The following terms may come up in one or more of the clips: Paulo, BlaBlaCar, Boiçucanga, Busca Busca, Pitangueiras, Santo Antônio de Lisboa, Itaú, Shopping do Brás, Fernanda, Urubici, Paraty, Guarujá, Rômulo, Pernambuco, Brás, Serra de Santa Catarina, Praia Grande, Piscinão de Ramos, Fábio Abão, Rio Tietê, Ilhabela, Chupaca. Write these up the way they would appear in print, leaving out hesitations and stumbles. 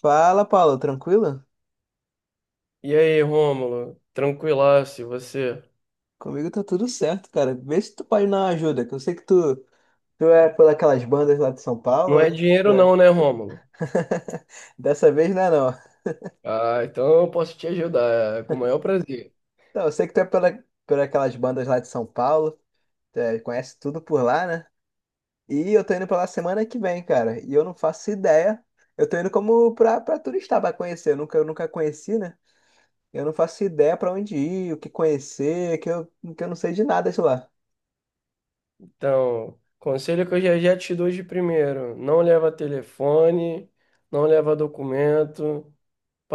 Fala, Paulo, tranquilo? E aí, Rômulo? Tranquilaço, e você? Comigo tá tudo certo, cara. Vê se tu pode dar uma ajuda, que eu sei que tu é por aquelas bandas lá de São Não Paulo, é né? Tu dinheiro é. não, né, Rômulo? Dessa vez não é não. Ah, então eu posso te ajudar, é com o maior prazer. Não, eu sei que tu é por aquelas bandas lá de São Paulo, tu é, conhece tudo por lá, né? E eu tô indo pra lá semana que vem, cara. E eu não faço ideia. Eu tô indo como pra turista, pra conhecer. Eu nunca conheci, né? Eu não faço ideia pra onde ir, o que conhecer, que eu não sei de nada de lá. Então, conselho que eu já já te dou de primeiro, não leva telefone, não leva documento,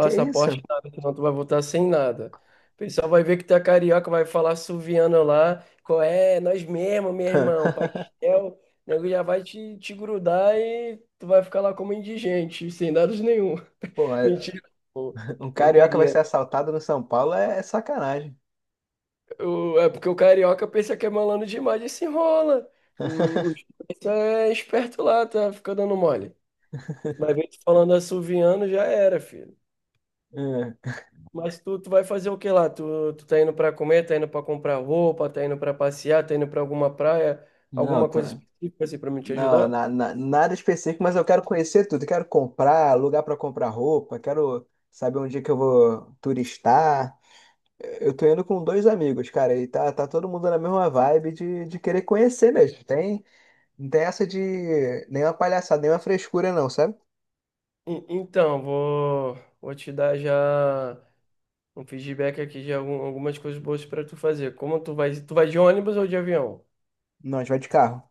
Que isso? nada, senão tu vai voltar sem nada. O pessoal vai ver que tu é carioca, vai falar suviano lá, qual é, nós mesmo, meu irmão, pastel, o nego já vai te grudar e tu vai ficar lá como indigente, sem dados nenhum. Pô, Mentira. um carioca vai Brincadeira. ser assaltado no São Paulo é sacanagem. O- é porque o carioca pensa que é malandro demais e se enrola. O Chupaca é esperto lá, tá? Fica dando mole. Mas vem tu falando assoviano, já era, filho. É. Mas tu vai fazer o que lá? Tu tá indo pra comer, tá indo pra comprar roupa, tá indo pra passear, tá indo pra alguma praia, Não, alguma coisa tá. específica assim pra me te Não, ajudar? Nada específico, mas eu quero conhecer tudo. Eu quero comprar, lugar para comprar roupa, quero saber onde é que eu vou turistar. Eu tô indo com dois amigos, cara, e tá todo mundo na mesma vibe de querer conhecer mesmo. Tem, não tem essa de nenhuma palhaçada, nenhuma frescura, não, sabe? Então, vou te dar já um feedback aqui de algumas coisas boas pra tu fazer. Como tu vai? Tu vai de ônibus ou de avião? Não, a gente vai de carro.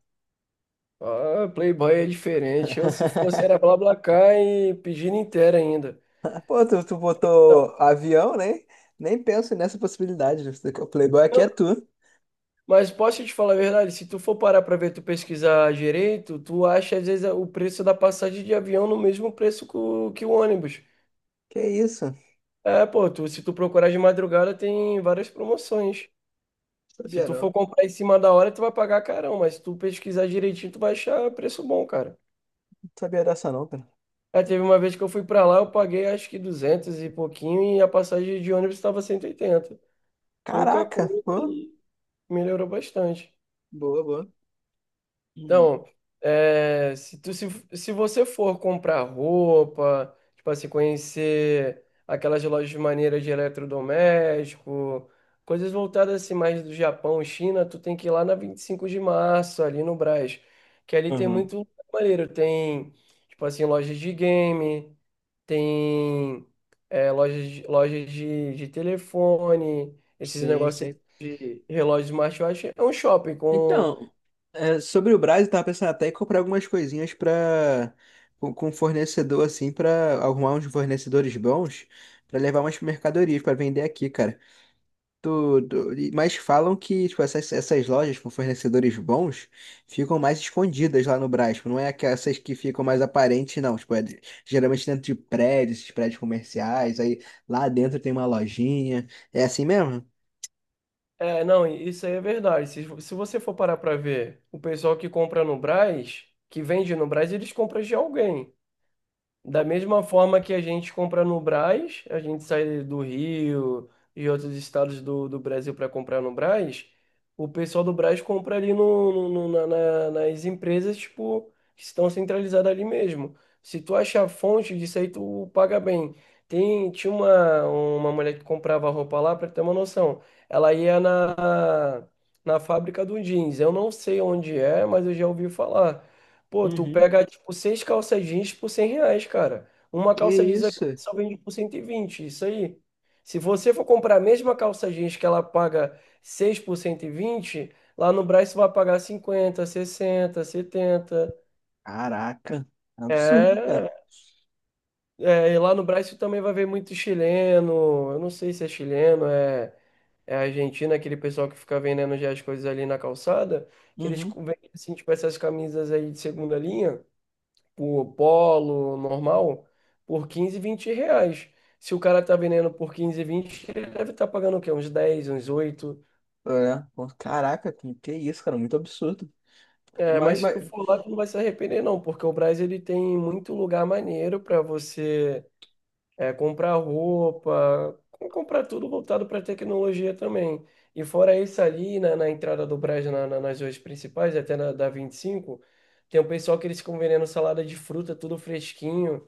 Ah, Playboy é diferente. Eu, se fosse, era BlaBlaCar e pedindo inteira ainda. Pô, tu Não, botou avião, né? Nem penso nessa possibilidade. O Playboy aqui não, é tu. mas posso te falar a verdade? Se tu for parar pra ver, tu pesquisar direito, tu acha às vezes o preço da passagem de avião no mesmo preço que o ônibus. Que isso? Não É, pô, tu, se tu procurar de madrugada, tem várias promoções. Se sabia tu não. for comprar em cima da hora, tu vai pagar carão, mas se tu pesquisar direitinho, tu vai achar preço bom, cara. Não sabia dessa não, cara. É, teve uma vez que eu fui pra lá, eu paguei acho que 200 e pouquinho e a passagem de ônibus estava 180. Pouca Caraca, coisa pô. e melhorou bastante. Boa, boa. Hum. Então, é, se, tu, se você for comprar roupa, tipo assim, conhecer aquelas lojas maneiras de eletrodoméstico, coisas voltadas assim mais do Japão, China, tu tem que ir lá na 25 de Março, ali no Brás, que ali tem Uhum. muito lugar maneiro, tem, tipo assim, lojas de game, tem lojas de telefone, esses Sim, negócios sim. aqui de relógio smartwatch, é um shopping com. Então, é, sobre o Brás, eu tava pensando até em comprar algumas coisinhas pra com fornecedor assim, pra arrumar uns fornecedores bons, pra levar umas mercadorias pra vender aqui, cara. Tudo. Mas falam que tipo, essas lojas com fornecedores bons ficam mais escondidas lá no Brás. Tipo, não é que essas que ficam mais aparentes, não. Tipo, geralmente dentro de prédios, esses prédios comerciais. Aí lá dentro tem uma lojinha. É assim mesmo? É, não, isso aí é verdade. Se você for parar para ver, o pessoal que compra no Brás, que vende no Brás, eles compram de alguém. Da mesma forma que a gente compra no Brás, a gente sai do Rio e outros estados do Brasil para comprar no Brás, o pessoal do Brás compra ali nas empresas tipo, que estão centralizadas ali mesmo. Se tu achar fonte disso aí, tu paga bem. Tem, tinha uma mulher que comprava roupa lá, para ter uma noção. Ela ia na fábrica do jeans. Eu não sei onde é, mas eu já ouvi falar. Pô, tu Uhum. pega, tipo, seis calças jeans por R$ 100, cara. Uma Que calça jeans aqui isso? só vende por 120 isso aí. Se você for comprar a mesma calça jeans que ela paga 6 por 120 lá no Brás, você vai pagar cinquenta, sessenta, setenta. Caraca. É um absurdo, cara. É, é, e lá no Brasil também vai ver muito chileno. Eu não sei se é chileno, é argentino, aquele pessoal que fica vendendo já as coisas ali na calçada, que eles Uhum. vendem, assim, tipo, essas camisas aí de segunda linha, por polo normal, por 15, 20 reais. Se o cara tá vendendo por 15, vinte, ele deve estar pagando o quê? Uns dez, uns oito. É. Pô, caraca, que isso, cara. Muito absurdo. É, Mas, mas se tu mas... for lá, tu não vai se arrepender, não, porque o Brás ele tem muito lugar maneiro para você comprar roupa, comprar tudo voltado para tecnologia também. E fora isso, ali na entrada do Brás, nas ruas principais, até na da 25, tem um pessoal que eles ficam vendendo salada de fruta, tudo fresquinho,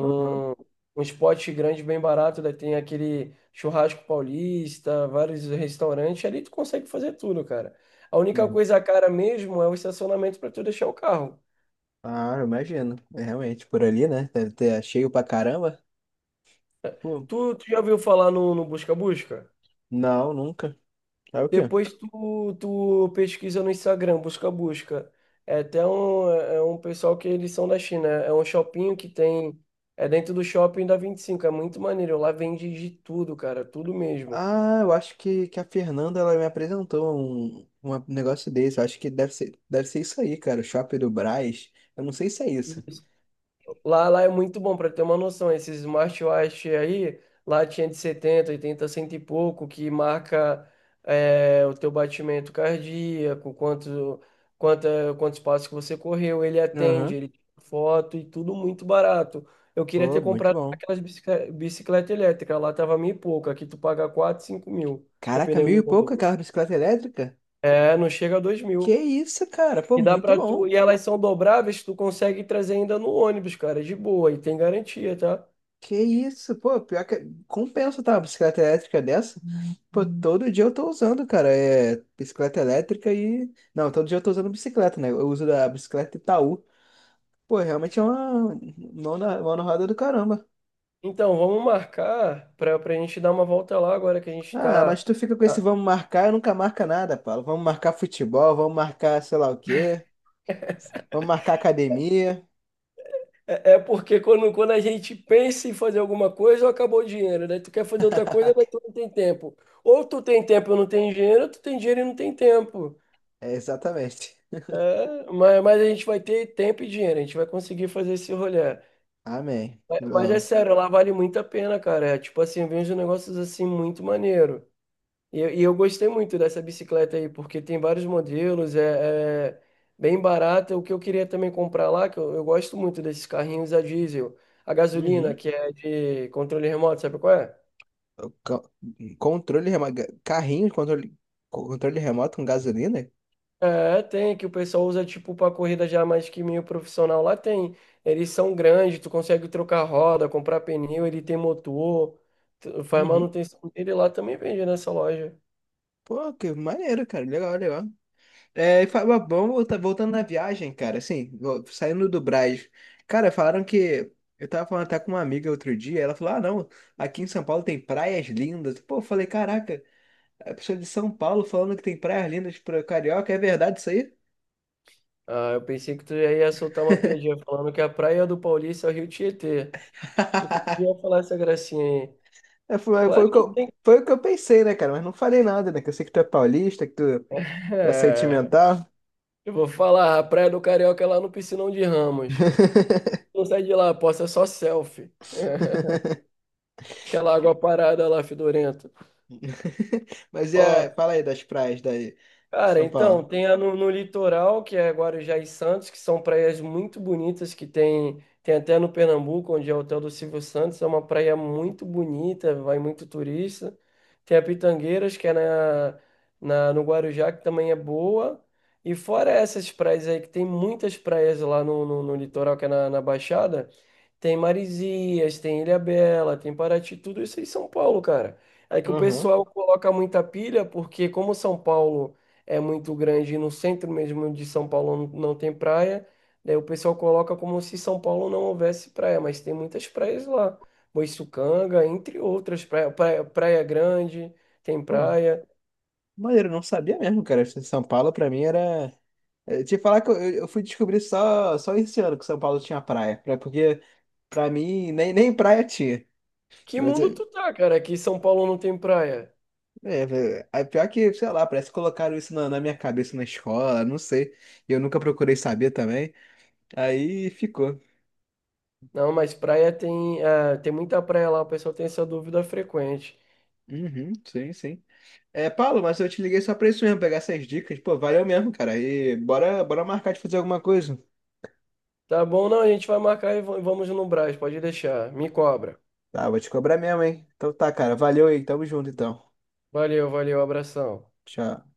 Uhum. uns potes grandes bem barato, daí tem aquele churrasco paulista, vários restaurantes, ali tu consegue fazer tudo, cara. A única Uhum. coisa cara mesmo é o estacionamento para tu deixar o carro. Ah, eu imagino. É, realmente, por ali, né? Deve ter é cheio pra caramba. Pô. Tu já ouviu falar no Busca Busca? Não, nunca. É o quê? Depois tu, pesquisa no Instagram, busca, busca. É um pessoal que eles são da China. É um shopping que tem. É dentro do shopping da 25. É muito maneiro. Lá vende de tudo, cara. Tudo mesmo. Ah, eu acho que a Fernanda ela me apresentou um negócio desse. Eu acho que deve ser isso aí, cara. O Shopping do Brás. Eu não sei se é isso. Isso. Lá é muito bom para ter uma noção. Esses smartwatch aí, lá tinha de setenta, oitenta, cento e pouco, que marca é, o teu batimento cardíaco, quanto, quanta, quantos passos que você correu, ele Aham. atende, ele tira foto e tudo muito barato. Eu queria ter Pô, muito comprado bom. aquelas bicicleta elétrica, lá tava mil e pouco, aqui tu paga quatro, 5 mil, Caraca, mil dependendo e do pouco modelo. aquela bicicleta elétrica? É, não chega a 2 Que mil. isso, cara? Pô, E dá muito pra tu, bom. e elas são dobráveis, tu consegue trazer ainda no ônibus, cara, de boa, e tem garantia, tá? Que isso? Pô, pior que compensa, tá? Uma bicicleta elétrica dessa? Pô, todo dia eu tô usando, cara. É bicicleta elétrica e. Não, todo dia eu tô usando bicicleta, né? Eu uso a bicicleta Itaú. Pô, realmente é uma mão na roda do caramba. Então, vamos marcar para a gente dar uma volta lá agora que a gente Ah, mas está. tu fica com esse vamos marcar e nunca marca nada, Paulo. Vamos marcar futebol, vamos marcar sei lá o quê, vamos marcar academia. É, é porque quando a gente pensa em fazer alguma coisa, acabou o dinheiro. Daí tu quer fazer outra coisa, mas tu não tem tempo. Ou tu tem tempo e não tem dinheiro, ou tu tem dinheiro e não tem tempo. É, exatamente. É, mas a gente vai ter tempo e dinheiro, a gente vai conseguir fazer esse rolê. Amém. Mas é Não. sério, lá vale muito a pena, cara. É, tipo assim, vem uns negócios assim muito maneiro. E, e eu gostei muito dessa bicicleta aí, porque tem vários modelos, é bem barata. O que eu queria também comprar lá, que eu gosto muito desses carrinhos a diesel, a gasolina, Uhum. que é de controle remoto, sabe qual é? O co- Controle remoto. Carrinho, controle remoto com gasolina? É, tem, que o pessoal usa tipo para corrida já mais que meio profissional. Lá tem. Eles são grandes, tu consegue trocar roda, comprar pneu, ele tem motor, tu- faz Uhum. manutenção dele, lá também vende nessa loja. Pô, que maneiro, cara. Legal, legal. É, e Fábio Abão voltando na viagem, cara, assim, saindo do Brás. Cara, falaram que. Eu tava falando até com uma amiga outro dia, ela falou: ah, não, aqui em São Paulo tem praias lindas. Pô, eu falei: caraca, a pessoa é de São Paulo falando que tem praias lindas pra carioca, é verdade isso aí? Ah, eu pensei que tu já ia soltar uma piadinha falando que a praia do Paulista é o Rio Tietê. Pensei que tu ia falar essa gracinha aí. É, Claro foi o que que eu, tem. foi o que eu pensei, né, cara? Mas não falei nada, né? Que eu sei que tu é paulista, que tu é É, sentimental. eu vou falar, a praia do carioca é lá no Piscinão de Ramos. Não sai de lá, posta só selfie. Aquela água parada lá, fedorenta. Mas e Ó, a, fala aí das praias daí, cara, São então, Paulo. tem a no litoral, que é Guarujá e Santos, que são praias muito bonitas, que tem, tem até no Pernambuco, onde é o hotel do Silvio Santos, é uma praia muito bonita, vai muito turista. Tem a Pitangueiras, que é no Guarujá, que também é boa. E fora essas praias aí, que tem muitas praias lá no litoral, que é na Baixada, tem Marizias, tem Ilhabela, tem Paraty, tudo isso em São Paulo, cara. É que o Aham. pessoal coloca muita pilha porque como São Paulo é muito grande e no centro mesmo de São Paulo não tem praia, daí o pessoal coloca como se São Paulo não houvesse praia, mas tem muitas praias lá. Boiçucanga, entre outras, Praia Grande, tem praia. Maneiro, eu não sabia mesmo, cara. São Paulo pra mim era. Eh, te falar que eu fui descobrir só esse ano que São Paulo tinha praia. Porque pra mim nem praia tinha. Que Mas, mundo eh, tu tá, cara? Que São Paulo não tem praia. é, é pior que, sei lá, parece que colocaram isso na, na minha cabeça na escola, não sei. Eu nunca procurei saber também. Aí ficou. Não, mas praia tem, ah, tem muita praia lá, o pessoal tem essa dúvida frequente. Uhum, sim, sim. É, Paulo, mas eu te liguei só pra isso mesmo, pegar essas dicas. Pô, valeu mesmo, cara. E bora, bora marcar de fazer alguma coisa. Tá bom, não, a gente vai marcar e vamos no Brás, pode deixar. Me cobra. Tá, vou te cobrar mesmo, hein? Então tá, cara. Valeu aí. Tamo junto, então. Valeu, valeu, abração. Tchau.